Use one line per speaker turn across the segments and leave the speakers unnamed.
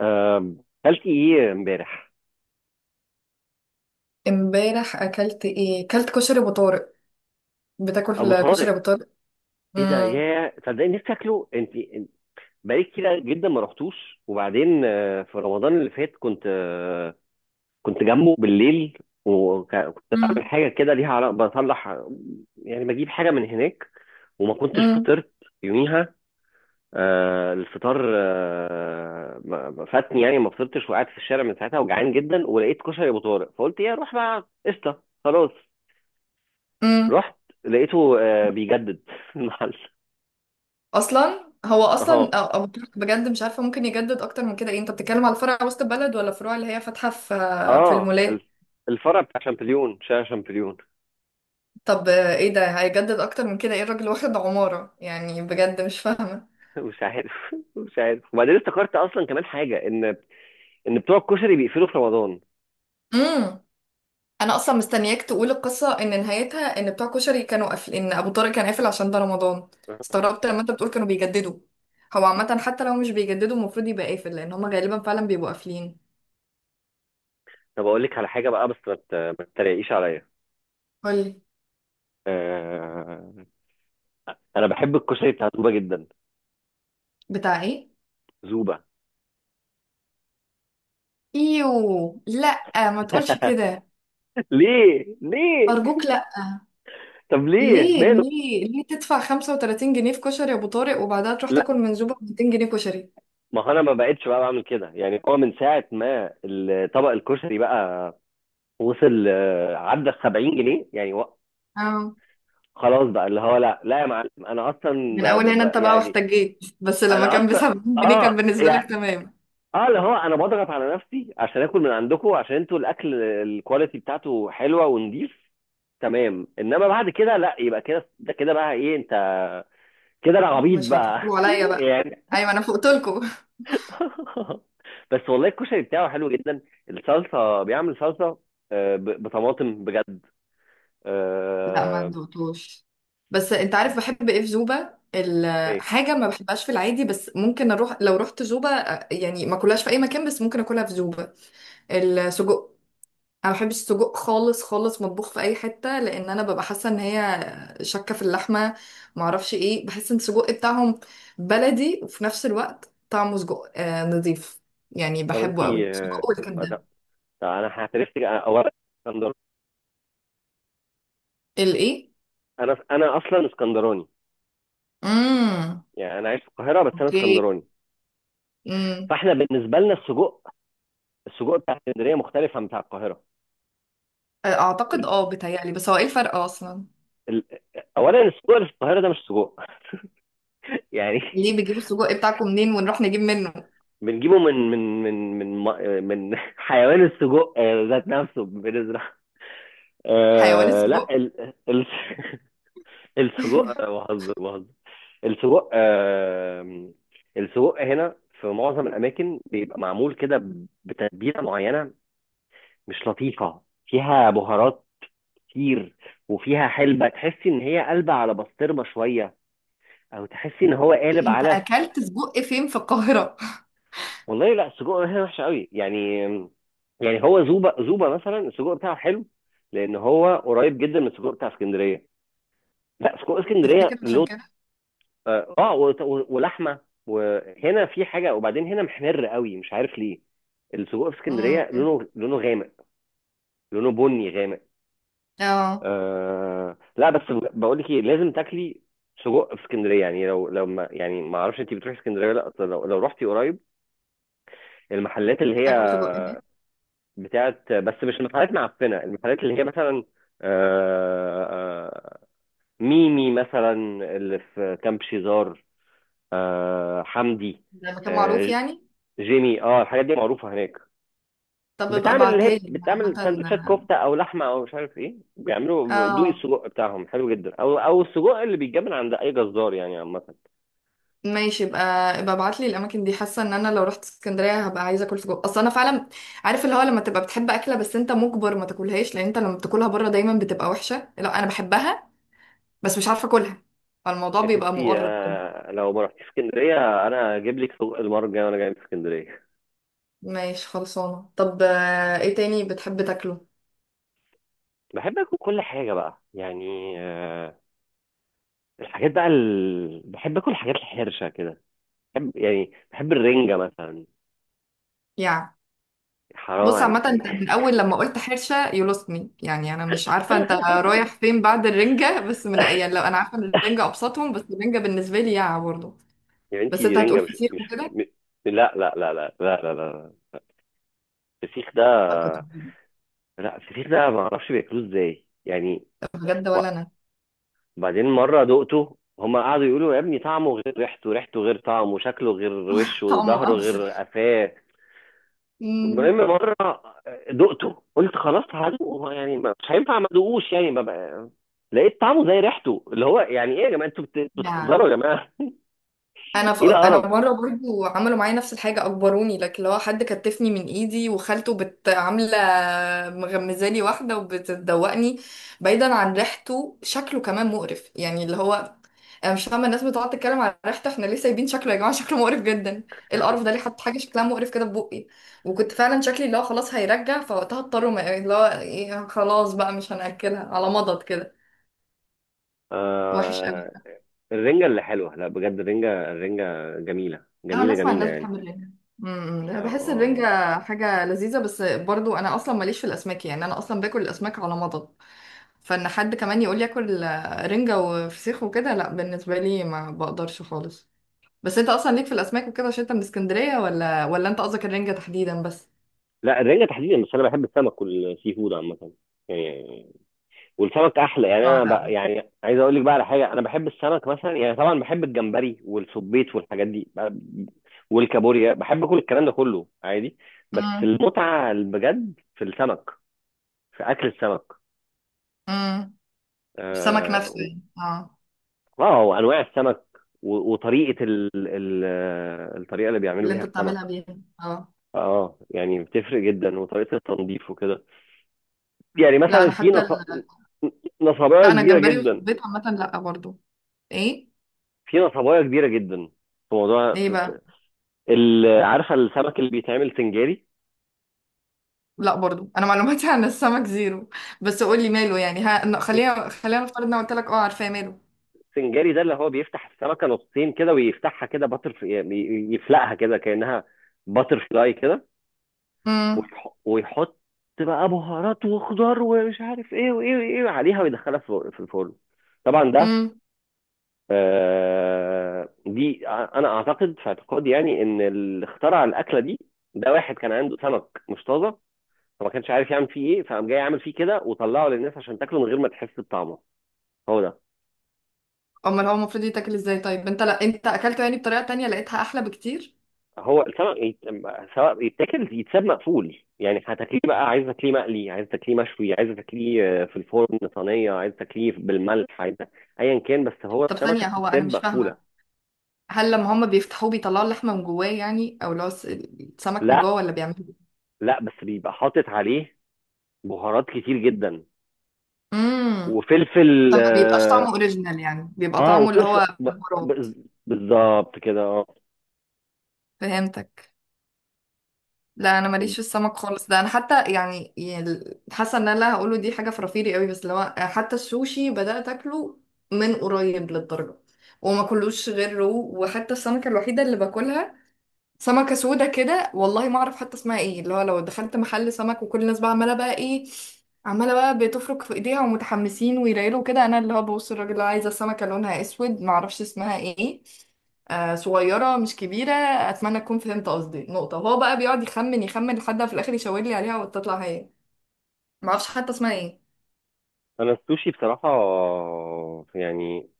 آم، اكلت ايه امبارح؟
امبارح اكلت ايه؟ اكلت كشري ابو طارق.
ابو
بتاكل كشري
طارق.
ابو طارق؟
ايه ده
امم.
يا صدقني نفسي اكله. بقالي كتير جدا ما رحتوش. وبعدين في رمضان اللي فات كنت جنبه بالليل، وكنت بعمل
مم.
حاجه كده ليها علاقه بطلع، يعني بجيب حاجه من هناك، وما كنتش
امم،
فطرت يوميها. الفطار ما فاتني، يعني ما فطرتش وقعدت في الشارع من ساعتها وجعان جدا، ولقيت كشري ابو طارق، فقلت ايه اروح بقى، قشطه خلاص.
امم.
رحت لقيته بيجدد المحل.
اصلا هو اصلا
اه
ابو طارق بجد مش عارفه ممكن يجدد اكتر من كده؟ ايه، انت بتتكلم على فرع وسط البلد ولا فروع اللي هي فاتحه في
اه
المولات؟
الفرع بتاع شامبليون، شارع شامبليون.
طب ايه ده، هيجدد اكتر من كده؟ ايه الراجل واخد عماره يعني؟ بجد مش فاهمه.
مش عارف. مش عارف. وبعدين افتكرت اصلا كمان حاجه، ان بتوع الكشري بيقفلوا في رمضان.
امم. انا اصلا مستنياك تقول القصه ان نهايتها ان بتوع كشري كانوا قافل، ان ابو طارق كان قافل عشان ده رمضان. استغربت لما انت بتقول كانوا بيجددوا. هو عامه حتى لو مش بيجددوا المفروض يبقى قافل، لان هما غالبا فعلا بيبقوا قافلين.
طب اقول لك على حاجه بقى، بس ما تتريقيش عليا.
قولي.
آه... انا بحب الكشري بتاع زوبه جدا.
بتاع ايه؟
زوبه.
ايوه، لا. ما تقولش كده.
ليه ليه؟
ارجوك لا.
طب ليه
ليه
ماله؟
ليه ليه تدفع 35 جنيه في كشري يا ابو طارق، وبعدها تروح
لا،
تاكل منزوبه ب 200 جنيه كشري؟
ما هو انا ما بقتش بقى بعمل كده يعني، هو من ساعه ما الطبق الكشري بقى وصل عدى ال 70 جنيه يعني و...
اه.
خلاص بقى، اللي هو لا لا يا معلم، انا اصلا
من اول هنا انت بقى
يعني.
واحتجيت، بس لما
انا
كان ب
اصلا
70 جنيه
اه
كان بالنسبه
يعني،
لك تمام.
اه اللي هو انا بضغط على نفسي عشان اكل من عندكم، عشان انتوا الاكل الكواليتي بتاعته حلوه ونضيف، تمام. انما بعد كده لا، يبقى كده ده كده بقى ايه انت، كده انا عبيط
مش
بقى
هتحطوه عليا بقى.
يعني.
ايوه، انا فوقت لكم.
بس والله الكشري بتاعه حلو جدا. الصلصه، بيعمل صلصه بطماطم بجد.
لا، ما
آه،
ندقتوش. بس انت عارف بحب ايه في زوبا؟
إيه،
حاجه ما بحبهاش في العادي بس ممكن اروح لو رحت زوبا. يعني ما اكلهاش في اي مكان بس ممكن اكلها في زوبا. السجق. انا ما بحبش السجق خالص خالص مطبوخ في اي حته، لان انا ببقى حاسه ان هي شكه في اللحمه. ما اعرفش ايه، بحس ان السجق بتاعهم بلدي وفي نفس الوقت طعمه سجق نظيف يعني.
طب انت
بحبه قوي سجق
لا،
والكبده.
طب انا هعترف لك. اولا اسكندر،
الايه؟
انا اصلا اسكندراني،
امم.
يعني انا عايش في القاهره بس انا
اوكي.
اسكندراني.
امم.
فاحنا بالنسبه لنا السجق، السجق بتاع اسكندريه مختلف عن بتاع القاهره.
اعتقد
ال...
بيتهيألي، بس هو ايه الفرق اصلا؟
ال... اولا السجق اللي في القاهره ده مش سجق يعني.
ليه بتجيبوا السجق بتاعكم منين ونروح نجيب منه؟
بنجيبه من حيوان السجق، ذات نفسه بنزرع.
حيوان
آه لا
السجق؟
السجق بهزر بهزر. السجق آه، السجق هنا في معظم الاماكن بيبقى معمول كده بتتبيله معينه مش لطيفه، فيها بهارات كتير، وفيها حلبه تحسي ان هي قلبه على بسطرمه شويه، او تحسي ان هو قالب
انت
على.
اكلت سجق فين في القاهرة؟
والله لا، السجق هنا وحش قوي يعني. يعني هو زوبه، زوبه مثلا السجق بتاعه حلو، لان هو قريب جدا من السجق بتاع اسكندريه. لا، سجق
تفتكر
اسكندريه
عشان
له
كده؟
اه، آه، و- و- ولحمه، وهنا في حاجه. وبعدين هنا محمر قوي، مش عارف ليه. السجق في اسكندريه
امم.
لونه غامق، لونه بني غامق.
اه.
آه لا، بس بقول لك ايه، لازم تاكلي سجق في اسكندريه. يعني لو لو ما يعني ما اعرفش انت بتروحي اسكندريه ولا لا، أصل لو رحتي قريب المحلات اللي هي
اكل سجق هناك؟
بتاعت، بس مش المحلات معفنه، المحلات اللي هي مثلا آه آه ميمي مثلا، اللي في كامب شيزار، آه حمدي،
ده مكان معروف
آه،
يعني؟
جيمي. اه الحاجات دي معروفه هناك.
طب ابقى
بتعمل، اللي
ابعتها
هي
لي
بتعمل
عامة.
سندوتشات كفته او لحمه او مش عارف ايه، بيعملوا دوقي،
اه،
السجق بتاعهم حلو جدا، او او السجق اللي بيتجاب من عند اي جزار يعني عامه.
ماشي. ابقى ابقى ابعت لي الاماكن دي. حاسه ان انا لو رحت اسكندريه هبقى عايزه اكل سجق، اصل انا فعلا عارف اللي هو لما تبقى بتحب اكله بس انت مجبر ما تاكلهاش لان انت لما بتاكلها بره دايما بتبقى وحشه. لا انا بحبها بس مش عارفة اكلها، فالموضوع
يا
بيبقى
ستي،
مقرب كده.
لو ما رحتيش اسكندريه انا اجيب لك سجق المره الجايه وانا جاي من اسكندريه.
ماشي خلصانة. طب ايه تاني بتحب تاكله؟
بحب اكل كل حاجه بقى يعني. الحاجات بقى بحب اكل الحاجات الحرشه كده. بحب، يعني بحب الرنجه مثلا.
يعني.
حرام
بص عامة
عليكي.
انت من اول لما قلت حرشة you lost me، يعني انا مش عارفة انت رايح فين بعد الرنجة، بس من يعني لو انا عارفة ان الرنجة ابسطهم، بس الرنجة بالنسبة لي يا برضه.
يا بنتي
بس
دي
انت
رنجة،
هتقول
مش
فسيخ
مش
وكده.
م... لا لا لا لا لا لا لا. الفسيخ ده،
ما أنا كنت هقول إيه.
لا الفسيخ ده ما اعرفش بياكلوه ازاي يعني.
بجد؟
و...
ولا انا.
بعدين مرة دقته، هما قعدوا يقولوا يا ابني طعمه غير ريحته، ريحته غير طعمه، شكله غير وشه،
طعمه
ظهره
ابسط.
غير قفاه.
امم.
المهم مرة دقته، قلت خلاص هدوقه، يعني مش هينفع ما ادوقوش يعني، ببقى... لقيت طعمه زي ريحته، اللي هو يعني ايه يا جماعة، انتوا
يا.
بتهزروا يا جماعة.
انا ف...
ايه القرف.
انا مره برضو عملوا معايا نفس الحاجه اجبروني، لكن لو حد كتفني من ايدي وخالته بت عامله مغمزالي واحده وبتدوقني. بعيدا عن ريحته، شكله كمان مقرف يعني. اللي هو انا مش فاهمه الناس بتقعد تتكلم على ريحته، احنا ليه سايبين شكله يا جماعه؟ شكله مقرف جدا. ايه القرف ده؟ ليه حط حاجه شكلها مقرف كده في بقي؟ وكنت فعلا شكلي اللي هو خلاص هيرجع فوقتها، اضطروا اللي هو إيه، خلاص بقى مش هناكلها على مضض كده. وحش.
آه. الرنجة اللي حلوة، لا بجد الرنجة، الرنجة جميلة
اه، انا
جميلة
اسمع
جميلة
الناس
يعني.
بتحب الرنجة. امم،
اه
لا، بحس الرنجة
اه.
حاجة لذيذة. بس برضو انا اصلا ماليش في الاسماك يعني، انا اصلا باكل الاسماك على مضض. فان حد كمان يقول لي اكل رنجة وفسيخ وكده، لا، بالنسبة لي ما بقدرش خالص. بس انت اصلا ليك في الاسماك وكده عشان انت من اسكندرية؟ ولا انت قصدك الرنجة تحديدا بس؟
لا الرنجة تحديدا، بس انا بحب السمك والسي فود عامة يعني. والسمك احلى يعني.
اه،
انا بقى
لا.
يعني عايز اقول لك بقى على حاجة، انا بحب السمك مثلا. يعني طبعا بحب الجمبري والسبيط والحاجات دي والكابوريا، بحب كل الكلام ده كله عادي. بس
امم.
المتعة بجد في السمك، في اكل السمك.
امم. السمك
اه
نفسه
و-
يعني، اه.
وانواع السمك، وطريقة ال ال آه، الطريقة اللي بيعملوا
اللي
بيها
انت
السمك.
بتعملها بيها اه.
اه يعني بتفرق جدا، وطريقه التنظيف وكده. يعني
لا انا
مثلا في
حتى.
نصبايه
لا انا
كبيره
الجمبري
جدا،
والصبيط عامة لا برضو. ايه.
في نصبايه كبيره جدا، في موضوع،
ايه بقى؟
عارفه السمك اللي بيتعمل سنجاري؟
لا برضو، انا معلوماتي عن السمك زيرو. بس قول لي ماله يعني، ها. خلينا نفترض ان أنا قلت لك عارفاه ماله.
السنجاري ده اللي هو بيفتح السمكه نصين كده، ويفتحها كده باتر يعني، يفلقها كده كانها باتر فلاي كده،
امم.
ويحط بقى بهارات وخضار ومش عارف ايه وايه وايه عليها، ويدخلها في في الفرن. طبعا ده
امم.
انا اعتقد في اعتقادي يعني، ان اللي اخترع الاكله دي، ده واحد كان عنده سمك مش طازه، فما كانش عارف يعمل فيه ايه، فقام جاي عامل فيه كده وطلعه للناس عشان تاكله من غير ما تحس بطعمه. هو ده.
امال هو المفروض يتاكل ازاي؟ طيب انت، لا انت اكلته يعني بطريقه تانية لقيتها احلى بكتير.
هو السمك سواء يتاكل يتساب مقفول، يعني هتاكليه بقى، عايز تاكليه مقلي، عايز تاكليه مشوي، عايز تاكليه في الفرن صينيه، عايز تاكليه بالملح، عايز ايا كان، بس هو
طب
السمكه
ثانيه، هو
بتتساب
انا مش
مقفوله.
فاهمه. هل لما هما بيفتحوه بيطلعوا اللحمه من جواه يعني، او لو السمك من
لا،
جوه، ولا بيعملوا إيه؟
لا بس بيبقى حاطط عليه بهارات كتير جدا
امم.
وفلفل
طب ما بيبقاش طعمه
اه،
اوريجينال يعني، بيبقى
آه،
طعمه اللي
وفلفل
هو
ب-
بهارات؟
بالظبط كده اه.
فهمتك. لا انا ماليش في السمك خالص. ده انا حتى يعني حاسه ان انا اللي هقوله دي حاجه فرافيري قوي، بس لو حتى السوشي بدات اكله من قريب للدرجه وما كلوش غير رو. وحتى السمكه الوحيده اللي باكلها سمكة سودة كده، والله ما اعرف حتى اسمها ايه. اللي هو لو دخلت محل سمك وكل الناس بقى عمالة بقى ايه، عمالة بقى بتفرك في ايديها ومتحمسين ويرايلوا كده، انا اللي هو ببص الراجل اللي هو عايزة سمكة لونها اسود ما اعرفش اسمها ايه، صغيرة مش كبيرة، اتمنى تكون فهمت قصدي نقطة. وهو بقى بيقعد يخمن يخمن لحد ما في الاخر يشاور لي عليها وتطلع هي. ما اعرفش حتى اسمها ايه.
انا السوشي بصراحه يعني،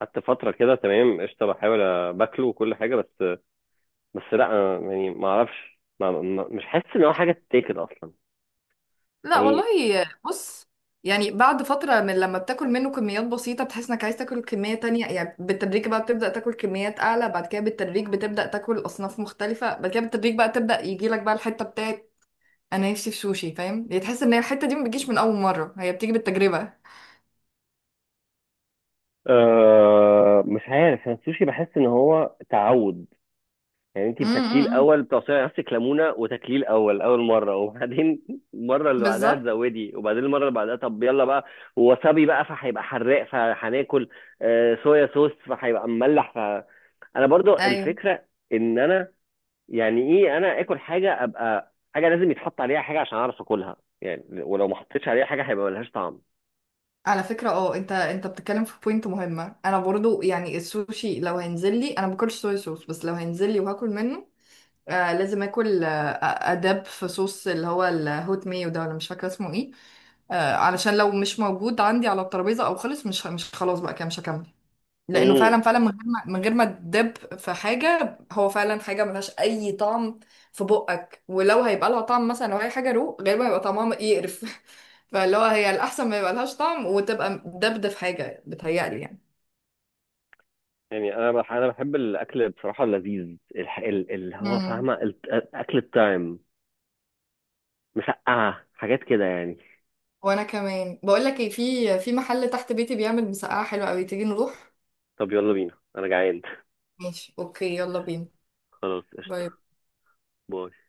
قعدت فتره كده تمام قشطه، بحاول باكله وكل حاجه، بس لا، أنا يعني ما اعرفش مش حاسس ان هو حاجه تتاكل اصلا
لا
يعني.
والله. بص. يعني بعد فترة من لما بتاكل منه كميات بسيطة بتحس انك عايز تاكل كمية تانية، يعني بالتدريج بقى بتبدأ تاكل كميات أعلى، بعد كده بالتدريج بتبدأ تاكل أصناف مختلفة، بعد كده بالتدريج بقى تبدأ يجيلك بقى الحتة بتاعت. أنا نفسي في سوشي فاهم، يعني تحس ان هي الحتة دي ما بتجيش من أول مرة، هي بتيجي بالتجربة.
آه مش عارف، انا السوشي بحس ان هو تعود يعني. انت بتاكليه
امم.
الاول، بتعصري نفسك ليمونه وتاكليه الاول اول مره، وبعدين المره اللي بعدها
بالظبط.
تزودي، وبعدين المره اللي بعدها طب يلا بقى. ووسابي بقى فهيبقى حراق فهناكل، صويا صوص فهيبقى مملح ف، انا برضو
ايوه.
الفكره ان انا يعني ايه، انا اكل حاجه ابقى حاجه، لازم يتحط عليها حاجه عشان اعرف اكلها يعني، ولو ما حطيتش عليها حاجه هيبقى ملهاش طعم.
على فكرة اه انت بتتكلم في بوينت مهمة. انا برضو، يعني السوشي لو هينزل لي انا ما باكلش صويا صوص، بس لو هينزل لي وهاكل منه لازم اكل، اداب في صوص اللي هو الهوت مايو ده، ولا مش فاكره اسمه ايه. علشان لو مش موجود عندي على الترابيزه او خلص، مش خلاص بقى كده مش هكمل. لانه
امم
فعلا فعلا من غير ما تدب في حاجه هو فعلا حاجه ملهاش اي طعم في بقك. ولو هيبقى لها طعم مثلا لو هي حاجه رو غالبا هيبقى طعمها يقرف. فاللي هو هي الاحسن ما يبقى لهاش طعم وتبقى دبده في حاجه بتهيألي يعني.
يعني انا انا بحب الاكل بصراحه اللذيذ، اللي هو
مم.
فاهمه، اكل التايم، مسقعة، حاجات كده يعني.
وانا كمان بقول لك ايه، في محل تحت بيتي بيعمل مسقعه حلوه قوي، تيجي نروح؟
طب يلا بينا انا جعان.
ماشي اوكي، يلا بينا.
خلاص قشطة.
باي.
باي.